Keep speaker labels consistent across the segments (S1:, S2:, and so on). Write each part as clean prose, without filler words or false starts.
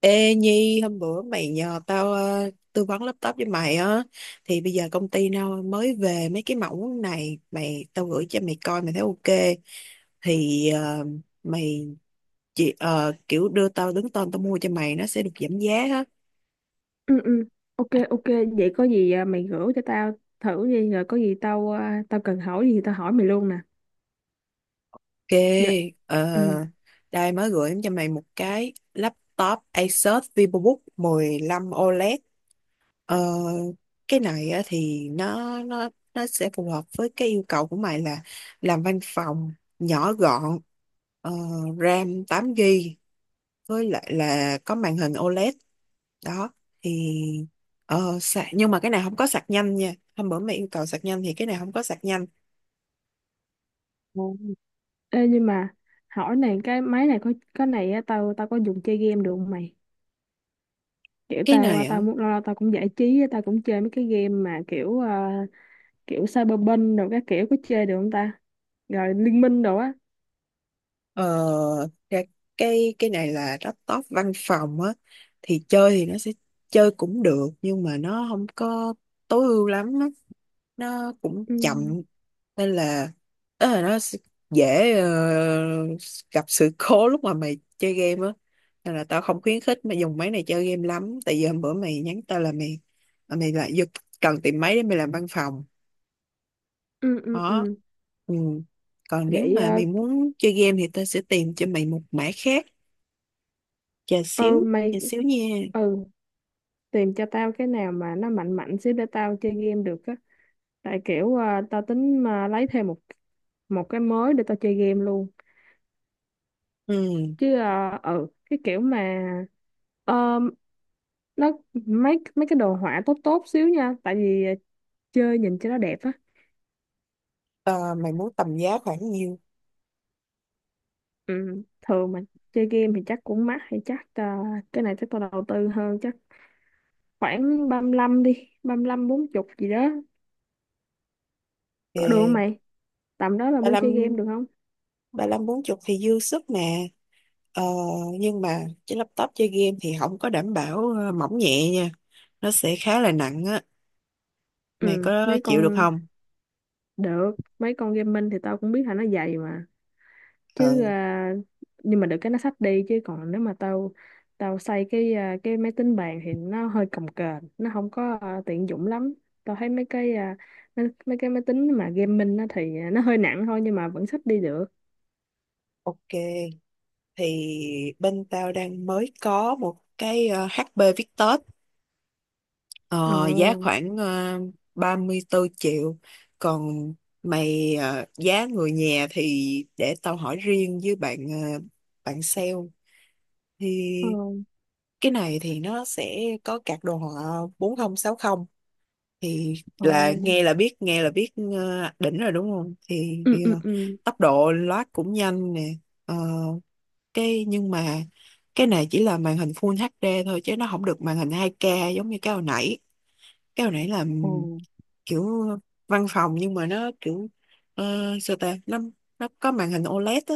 S1: Ê Nhi, hôm bữa mày nhờ tao tư vấn laptop với mày á, thì bây giờ công ty tao mới về mấy cái mẫu này, tao gửi cho mày coi mày thấy ok thì mày kiểu đưa tao đứng tên, tao mua cho mày nó sẽ được giảm giá á.
S2: Ừ, ok, ok. Vậy có gì, à, mày gửi cho tao thử đi, rồi có gì tao cần hỏi gì thì tao hỏi mày luôn nè.
S1: Ok,
S2: Dạ,
S1: ờ,
S2: ừ,
S1: đây mới gửi cho mày một cái laptop Asus VivoBook 15 OLED. Ờ, cái này á, thì nó sẽ phù hợp với cái yêu cầu của mày là làm văn phòng, nhỏ gọn, ờ, RAM 8 GB, với lại là có màn hình OLED đó. Thì sạc, nhưng mà cái này không có sạc nhanh nha. Hôm bữa mày yêu cầu sạc nhanh thì cái này không có sạc nhanh.
S2: ừ. Ê, nhưng mà hỏi này, cái máy này có cái này á, tao tao có dùng chơi game được không mày? Kiểu
S1: Cái này á,
S2: tao muốn lâu lâu tao cũng giải trí á, tao cũng chơi mấy cái game mà kiểu Cyberpunk rồi các kiểu, có chơi được không ta? Rồi Liên Minh đồ á.
S1: ờ, cái cái này là laptop văn phòng á, thì chơi thì nó sẽ chơi cũng được, nhưng mà nó không có tối ưu lắm á, nó cũng
S2: ừ
S1: chậm. Nên là đó, là dễ gặp sự cố lúc mà mày chơi game á. Nên là tao không khuyến khích mày dùng máy này chơi game lắm, tại vì hôm bữa mày nhắn tao là mày, là mày lại giật cần tìm máy để mày làm văn phòng
S2: ừ ừ
S1: đó.
S2: ừ
S1: Ừ. Còn nếu
S2: Vậy
S1: mà
S2: à,
S1: mày muốn chơi game thì tao sẽ tìm cho mày một mã khác. Chờ
S2: ờ,
S1: xíu,
S2: mày,
S1: nha.
S2: ừ, tìm cho tao cái nào mà nó mạnh mạnh xíu để tao chơi game được á. Tại tao tính mà lấy thêm một một cái mới để tao chơi game luôn.
S1: Ừ.
S2: Ừ, cái kiểu mà ờ, nó, mấy mấy cái đồ họa tốt tốt xíu nha. Tại chơi nhìn cho nó đẹp á.
S1: Ờ, mày muốn tầm giá khoảng nhiêu?
S2: Ừ, thường mà chơi game thì chắc cũng mắc hay cái này chắc tao đầu tư hơn chắc. Khoảng ba lăm đi, ba lăm bốn chục gì đó, có được không
S1: Thì
S2: mày? Tầm đó là
S1: ba
S2: mua
S1: lăm,
S2: chơi game được không?
S1: ba lăm bốn chục thì dư sức nè. Ờ, nhưng mà cái laptop chơi game thì không có đảm bảo mỏng nhẹ nha, nó sẽ khá là nặng á. Mày
S2: Ừ,
S1: có
S2: mấy
S1: chịu được
S2: con,
S1: không?
S2: được, mấy con gaming thì tao cũng biết là nó dày mà.
S1: Ờ,
S2: chứ à, nhưng mà được cái nó xách đi, chứ còn nếu mà tao, tao xây cái máy tính bàn thì nó hơi cồng kềnh, nó không tiện dụng lắm. Tao thấy mấy mấy cái máy tính mà gaming nó nó hơi nặng thôi nhưng mà vẫn xách đi được.
S1: ok. Thì bên tao đang mới có một cái HP Victus,
S2: Ồ.
S1: ờ, giá khoảng 34 triệu. Còn mày giá người nhà thì để tao hỏi riêng với bạn, bạn sale.
S2: Ồ.
S1: Thì cái này thì nó sẽ có card đồ họa 4060. Thì
S2: Ồ.
S1: là nghe là biết, nghe là biết đỉnh rồi đúng không? thì,
S2: Ừ,
S1: thì
S2: ừ,
S1: ờ,
S2: ừ.
S1: tốc độ loát cũng nhanh nè. Ờ, cái nhưng mà cái này chỉ là màn hình Full HD thôi, chứ nó không được màn hình 2K giống như cái hồi nãy. Cái hồi nãy là
S2: Ồ.
S1: kiểu văn phòng, nhưng mà nó kiểu sao ta, nó có màn hình OLED á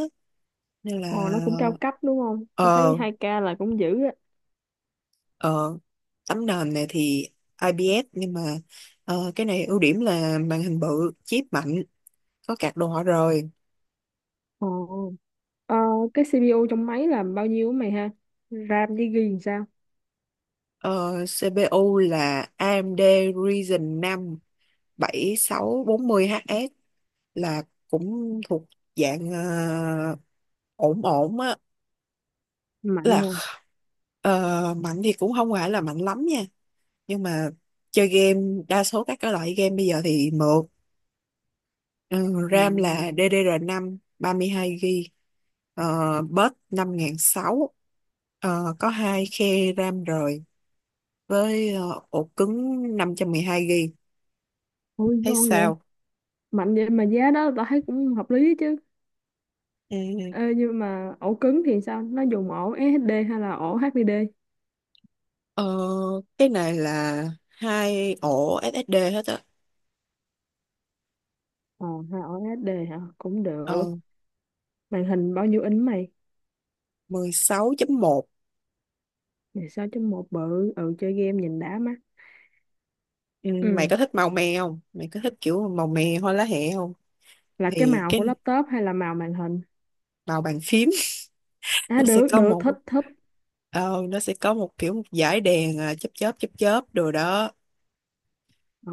S1: nên là.
S2: Ồ, nó cũng cao cấp đúng không, tao thấy
S1: ờ
S2: hai k là cũng dữ á.
S1: ờ Tấm nền này thì IPS, nhưng mà cái này ưu điểm là màn hình bự, chip mạnh, có card đồ họa rồi.
S2: Ồ. ờ, cái CPU trong máy là bao nhiêu á mày ha? RAM với ghi làm sao?
S1: Ờ, CPU là AMD Ryzen 5 7640HS, là cũng thuộc dạng ổn ổn á.
S2: Mạnh
S1: là
S2: hả?
S1: kh- Mạnh thì cũng không phải là mạnh lắm nha, nhưng mà chơi game đa số các cái loại game bây giờ thì mượt. Ừ,
S2: Ồ.
S1: RAM là ddr mươi hai gb, bus 5600. Ờ, có hai khe RAM rồi, với ổ cứng 512 GB.
S2: Ôi
S1: Thấy
S2: ngon.
S1: sao?
S2: Mạnh vậy mà giá đó tao thấy cũng hợp lý chứ.
S1: Ừ.
S2: Ê, nhưng mà ổ cứng thì sao, nó dùng ổ SSD hay là ổ HDD?
S1: Ờ, cái này là hai ổ SSD hết á.
S2: Ờ, hay ổ SSD hả, cũng
S1: Ờ,
S2: được. Màn hình bao nhiêu inch mày?
S1: 16.1.
S2: 16 một, bự, ừ, chơi game nhìn đã mắt.
S1: Ừ,
S2: Ừ,
S1: mày có thích màu me không? Mày có thích kiểu màu me hoa lá hẹ không?
S2: là cái
S1: Thì
S2: màu của
S1: cái
S2: laptop hay là màu màn hình?
S1: màu bàn phím.
S2: À,
S1: Nó sẽ
S2: được
S1: có
S2: được,
S1: một
S2: thích thích.
S1: ờ, nó sẽ có một kiểu một dải đèn à, chớp chớp chớp chớp đồ đó.
S2: Ờ,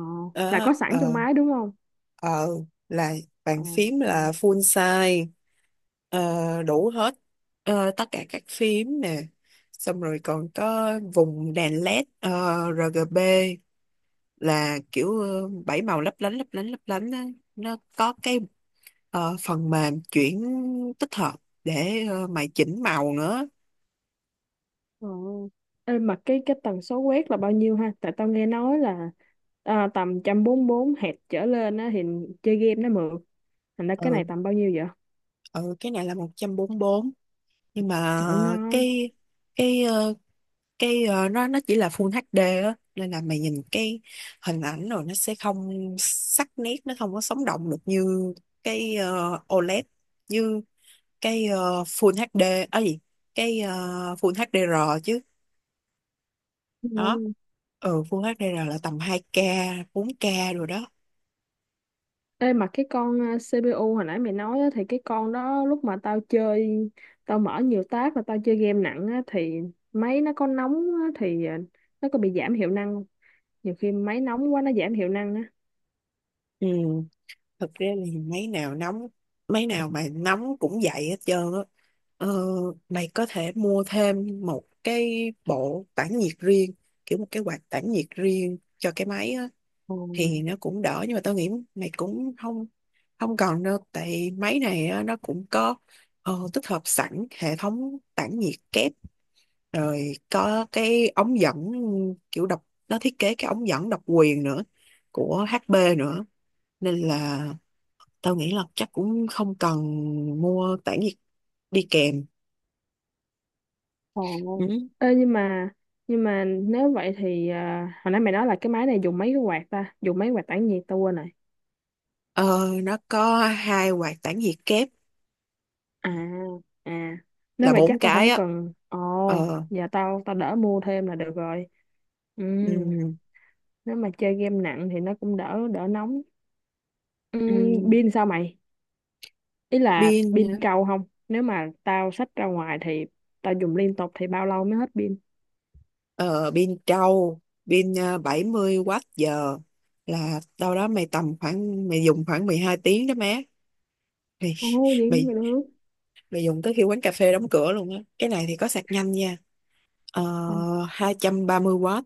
S2: là
S1: Đó,
S2: có sẵn trong máy đúng không?
S1: ờ là bàn
S2: Ờ.
S1: phím
S2: Ừ.
S1: là full size. Ờ, đủ hết. Ờ, tất cả các phím nè, xong rồi còn có vùng đèn LED RGB, là kiểu 7 màu lấp lánh lấp lánh lấp lánh á. Nó có cái phần mềm chuyển tích hợp, để mày chỉnh màu nữa.
S2: Ờ. Ê, mà cái tần số quét là bao nhiêu ha, tại tao nghe nói là tầm một trăm bốn Hz trở lên á thì chơi game nó mượt. Thành ra cái này
S1: ừ
S2: tầm bao nhiêu vậy?
S1: ừ cái này là 144, nhưng mà
S2: Trời ngon.
S1: cái cái ờ, nó chỉ là full HD á, nên là mày nhìn cái hình ảnh rồi nó sẽ không sắc nét, nó không có sống động được như cái OLED, như cái full HD ở gì, cái full HDR chứ. Đó,
S2: Ngon.
S1: ừ, full HDR là tầm hai k, bốn k rồi đó.
S2: Ê, mà cái con CPU hồi nãy mày nói á, thì cái con đó lúc mà tao chơi, tao mở nhiều tab và tao chơi game nặng á, thì máy nó có nóng á, thì ờ, nó có bị giảm hiệu năng không? Nhiều khi máy nóng quá nó giảm hiệu năng á.
S1: Ừ, thực ra thì mấy nào mà nóng cũng vậy hết trơn á. ờ, Mày có thể mua thêm một cái bộ tản nhiệt riêng, kiểu một cái quạt tản nhiệt riêng cho cái máy á,
S2: Ồ.
S1: thì nó cũng đỡ. Nhưng mà tao nghĩ mày cũng không không cần đâu, tại máy này á, nó cũng có tích hợp sẵn hệ thống tản nhiệt kép rồi, có cái ống dẫn kiểu độc, nó thiết kế cái ống dẫn độc quyền nữa của HP nữa, nên là tao nghĩ là chắc cũng không cần mua tản nhiệt đi kèm.
S2: Ồ.
S1: Ừ.
S2: Ê, nhưng mà nếu vậy thì hồi nãy mày nói là cái máy này dùng mấy cái quạt ta? Dùng mấy quạt tản nhiệt tao quên rồi.
S1: Ờ, nó có hai quạt tản nhiệt kép
S2: À, à, nếu
S1: là
S2: vậy chắc
S1: bốn
S2: tao
S1: cái
S2: không
S1: á.
S2: cần. Ồ,
S1: ờ,
S2: giờ tao tao đỡ mua thêm là được rồi. Ừ,
S1: ừm,
S2: nếu mà chơi game nặng thì nó cũng đỡ đỡ nóng. Ừ,
S1: ừm,
S2: pin sao mày? Ý là pin
S1: pin.
S2: trâu không? Nếu mà tao xách ra ngoài thì tao dùng liên tục thì bao lâu mới hết pin?
S1: Ờ, pin trâu, pin 70 Wh, là đâu đó mày tầm khoảng mày dùng khoảng 12 tiếng đó má. Mày
S2: Ồ, vậy cũng
S1: mày
S2: được.
S1: mày dùng tới khi quán cà phê đóng cửa luôn á. Cái này thì có sạc nhanh nha, ờ, 230 W,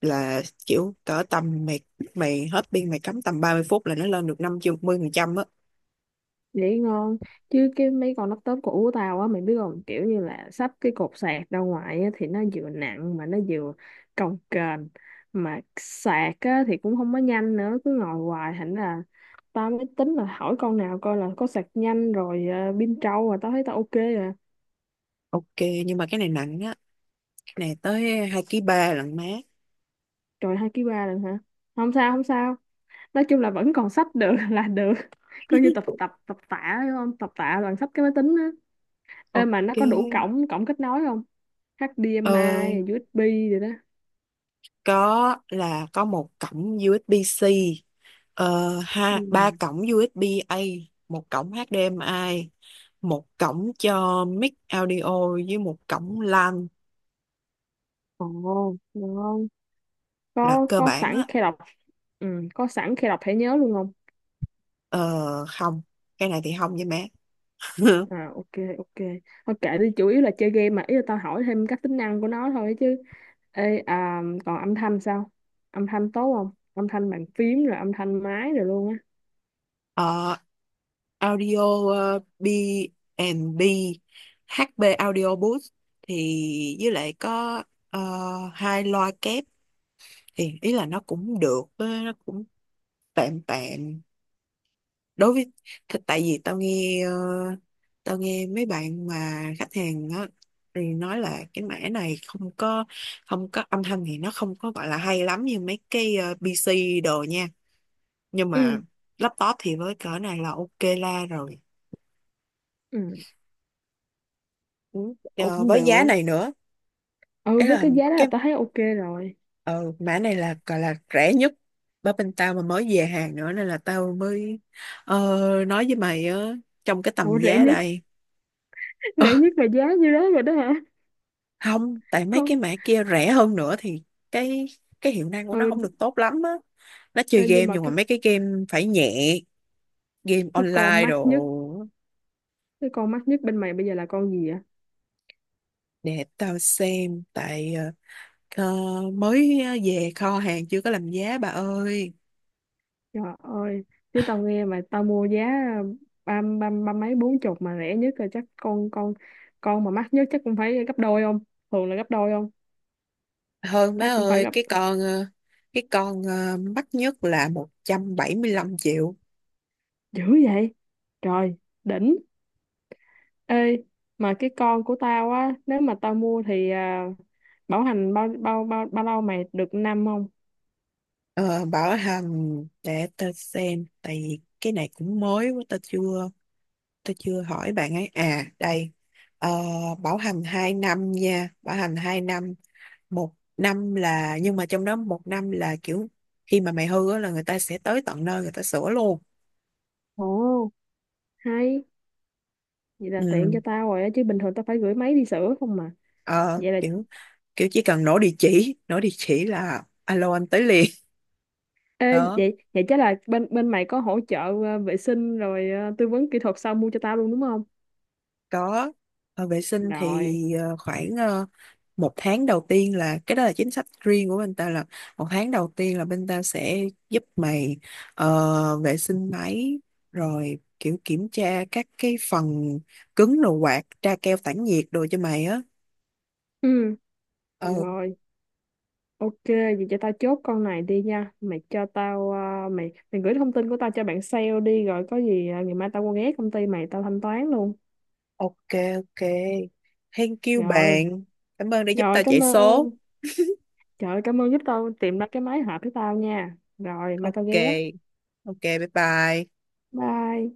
S1: là kiểu cỡ tầm mày, mày hết pin mày cắm tầm 30 phút là nó lên được 50% á.
S2: Vậy ngon, chứ cái mấy con laptop cũ của tao á, mày biết không, kiểu như là sắp cái cột sạc ra ngoài á, thì nó vừa nặng mà nó vừa cồng kềnh, mà sạc á, thì cũng không có nhanh nữa, cứ ngồi hoài, thành là tao mới tính là hỏi con nào coi là có sạc nhanh rồi pin trâu, mà tao thấy tao ok rồi.
S1: Ok. Nhưng mà cái này nặng á, cái này tới hai ký ba lận má.
S2: Trời, hai ký ba lần hả? Không sao, không sao, nói chung là vẫn còn sách được là được. Coi như tập tập tập tạ đúng không, tập tạ bằng sách cái máy tính. Ê,
S1: Ok.
S2: mà nó có đủ cổng cổng kết nối không?
S1: ờ,
S2: HDMI, USB rồi đó.
S1: có, là có một cổng USB-C, ờ,
S2: Ừ.
S1: ha ba cổng USB-A, một cổng HDMI, một cổng cho mic audio với một cổng LAN,
S2: Ồ, được không?
S1: là cơ
S2: Có
S1: bản
S2: sẵn
S1: á.
S2: khe đọc. Ừ, có sẵn khe đọc thẻ nhớ luôn không?
S1: Ờ, Không, cái này thì không với má.
S2: À, ok, ok. Thôi kệ đi, chủ yếu là chơi game mà, ý là tao hỏi thêm các tính năng của nó thôi chứ. Còn âm thanh sao? Âm thanh tốt không? Âm thanh bàn phím rồi âm thanh máy rồi luôn á.
S1: Ờ, Audio B&B HB Audio Booth, thì với lại có ờ, hai loa kép. Thì ý là nó cũng được, nó cũng tạm tạm, đối với tại vì tao nghe, tao nghe mấy bạn mà khách hàng đó thì nói là cái mẻ này không có, âm thanh thì nó không có gọi là hay lắm như mấy cái PC đồ nha. Nhưng mà
S2: Ừ,
S1: laptop thì với cỡ này là ok la rồi.
S2: ừ,
S1: Ừ.
S2: ồ,
S1: Ờ,
S2: cũng
S1: với giá
S2: được.
S1: này nữa. Ấy
S2: Ừ, với
S1: là
S2: cái giá đó là
S1: cái
S2: tao thấy ok rồi.
S1: ờ, mã này là gọi là rẻ nhất, bởi bên tao mà mới về hàng nữa, nên là tao mới ờ, nói với mày á, trong cái tầm
S2: Ủa, rẻ
S1: giá
S2: nhất,
S1: đây. Ờ,
S2: rẻ nhất là giá như đó rồi đó hả?
S1: không, tại mấy cái
S2: Con,
S1: mã kia rẻ hơn nữa thì cái cái hiệu năng của nó không
S2: ừ,
S1: được tốt lắm á, nó chơi
S2: ê,
S1: game
S2: nhưng mà
S1: nhưng mà
S2: cái
S1: mấy cái game phải nhẹ, game
S2: cái con
S1: online
S2: mắc
S1: đồ.
S2: nhất, cái con mắc nhất bên mày bây giờ là con gì vậy?
S1: Để tao xem, tại về kho hàng chưa có làm giá bà ơi.
S2: Trời ơi, chứ tao nghe mà tao mua giá ba ba ba mấy bốn chục mà rẻ nhất rồi, chắc con con mà mắc nhất chắc cũng phải gấp đôi không? Thường là gấp đôi không?
S1: Hơn má
S2: Chắc cũng phải
S1: ơi.
S2: gấp,
S1: Cái con mắc nhất là 175 triệu.
S2: dữ vậy? Trời, đỉnh. Ê, mà cái con của tao á, nếu mà tao mua thì bảo hành bao bao lâu mày, được năm không?
S1: Ờ, bảo hành, để tao xem, tại vì cái này cũng mới quá, tao chưa hỏi bạn ấy. À, đây. Ờ, bảo hành 2 năm nha, bảo hành 2 năm, một năm là, nhưng mà trong đó một năm là kiểu khi mà mày hư á là người ta sẽ tới tận nơi người ta sửa luôn.
S2: Ồ, hay, vậy là tiện
S1: Ừ.
S2: cho tao rồi á, chứ bình thường tao phải gửi máy đi sửa không mà.
S1: Ờ,
S2: Vậy là,
S1: kiểu kiểu chỉ cần nổ địa chỉ, là alo anh tới liền.
S2: ê,
S1: Đó.
S2: vậy vậy chắc là bên bên mày có hỗ trợ vệ sinh rồi tư vấn kỹ thuật sau mua cho tao luôn đúng không?
S1: Có, vệ sinh thì
S2: Rồi.
S1: khoảng một tháng đầu tiên, là cái đó là chính sách riêng của bên ta, là một tháng đầu tiên là bên ta sẽ giúp mày vệ sinh máy, rồi kiểu kiểm tra các cái phần cứng đồ, quạt, tra keo tản nhiệt đồ cho mày á.
S2: Ừ,
S1: Ờ,
S2: rồi, ok, vậy cho tao chốt con này đi nha. Mày cho tao, ờ, mày mày gửi thông tin của tao cho bạn sale đi, rồi có gì ngày mai tao qua ghé công ty mày tao thanh toán luôn.
S1: ok. Ok, thank you
S2: Rồi,
S1: bạn. Cảm ơn đã giúp
S2: rồi
S1: tao chạy
S2: cảm
S1: số.
S2: ơn. Trời ơi, cảm ơn giúp tao tìm ra cái máy hợp với tao nha. Rồi, mai tao
S1: Ok,
S2: ghé.
S1: ok, bye bye.
S2: Bye.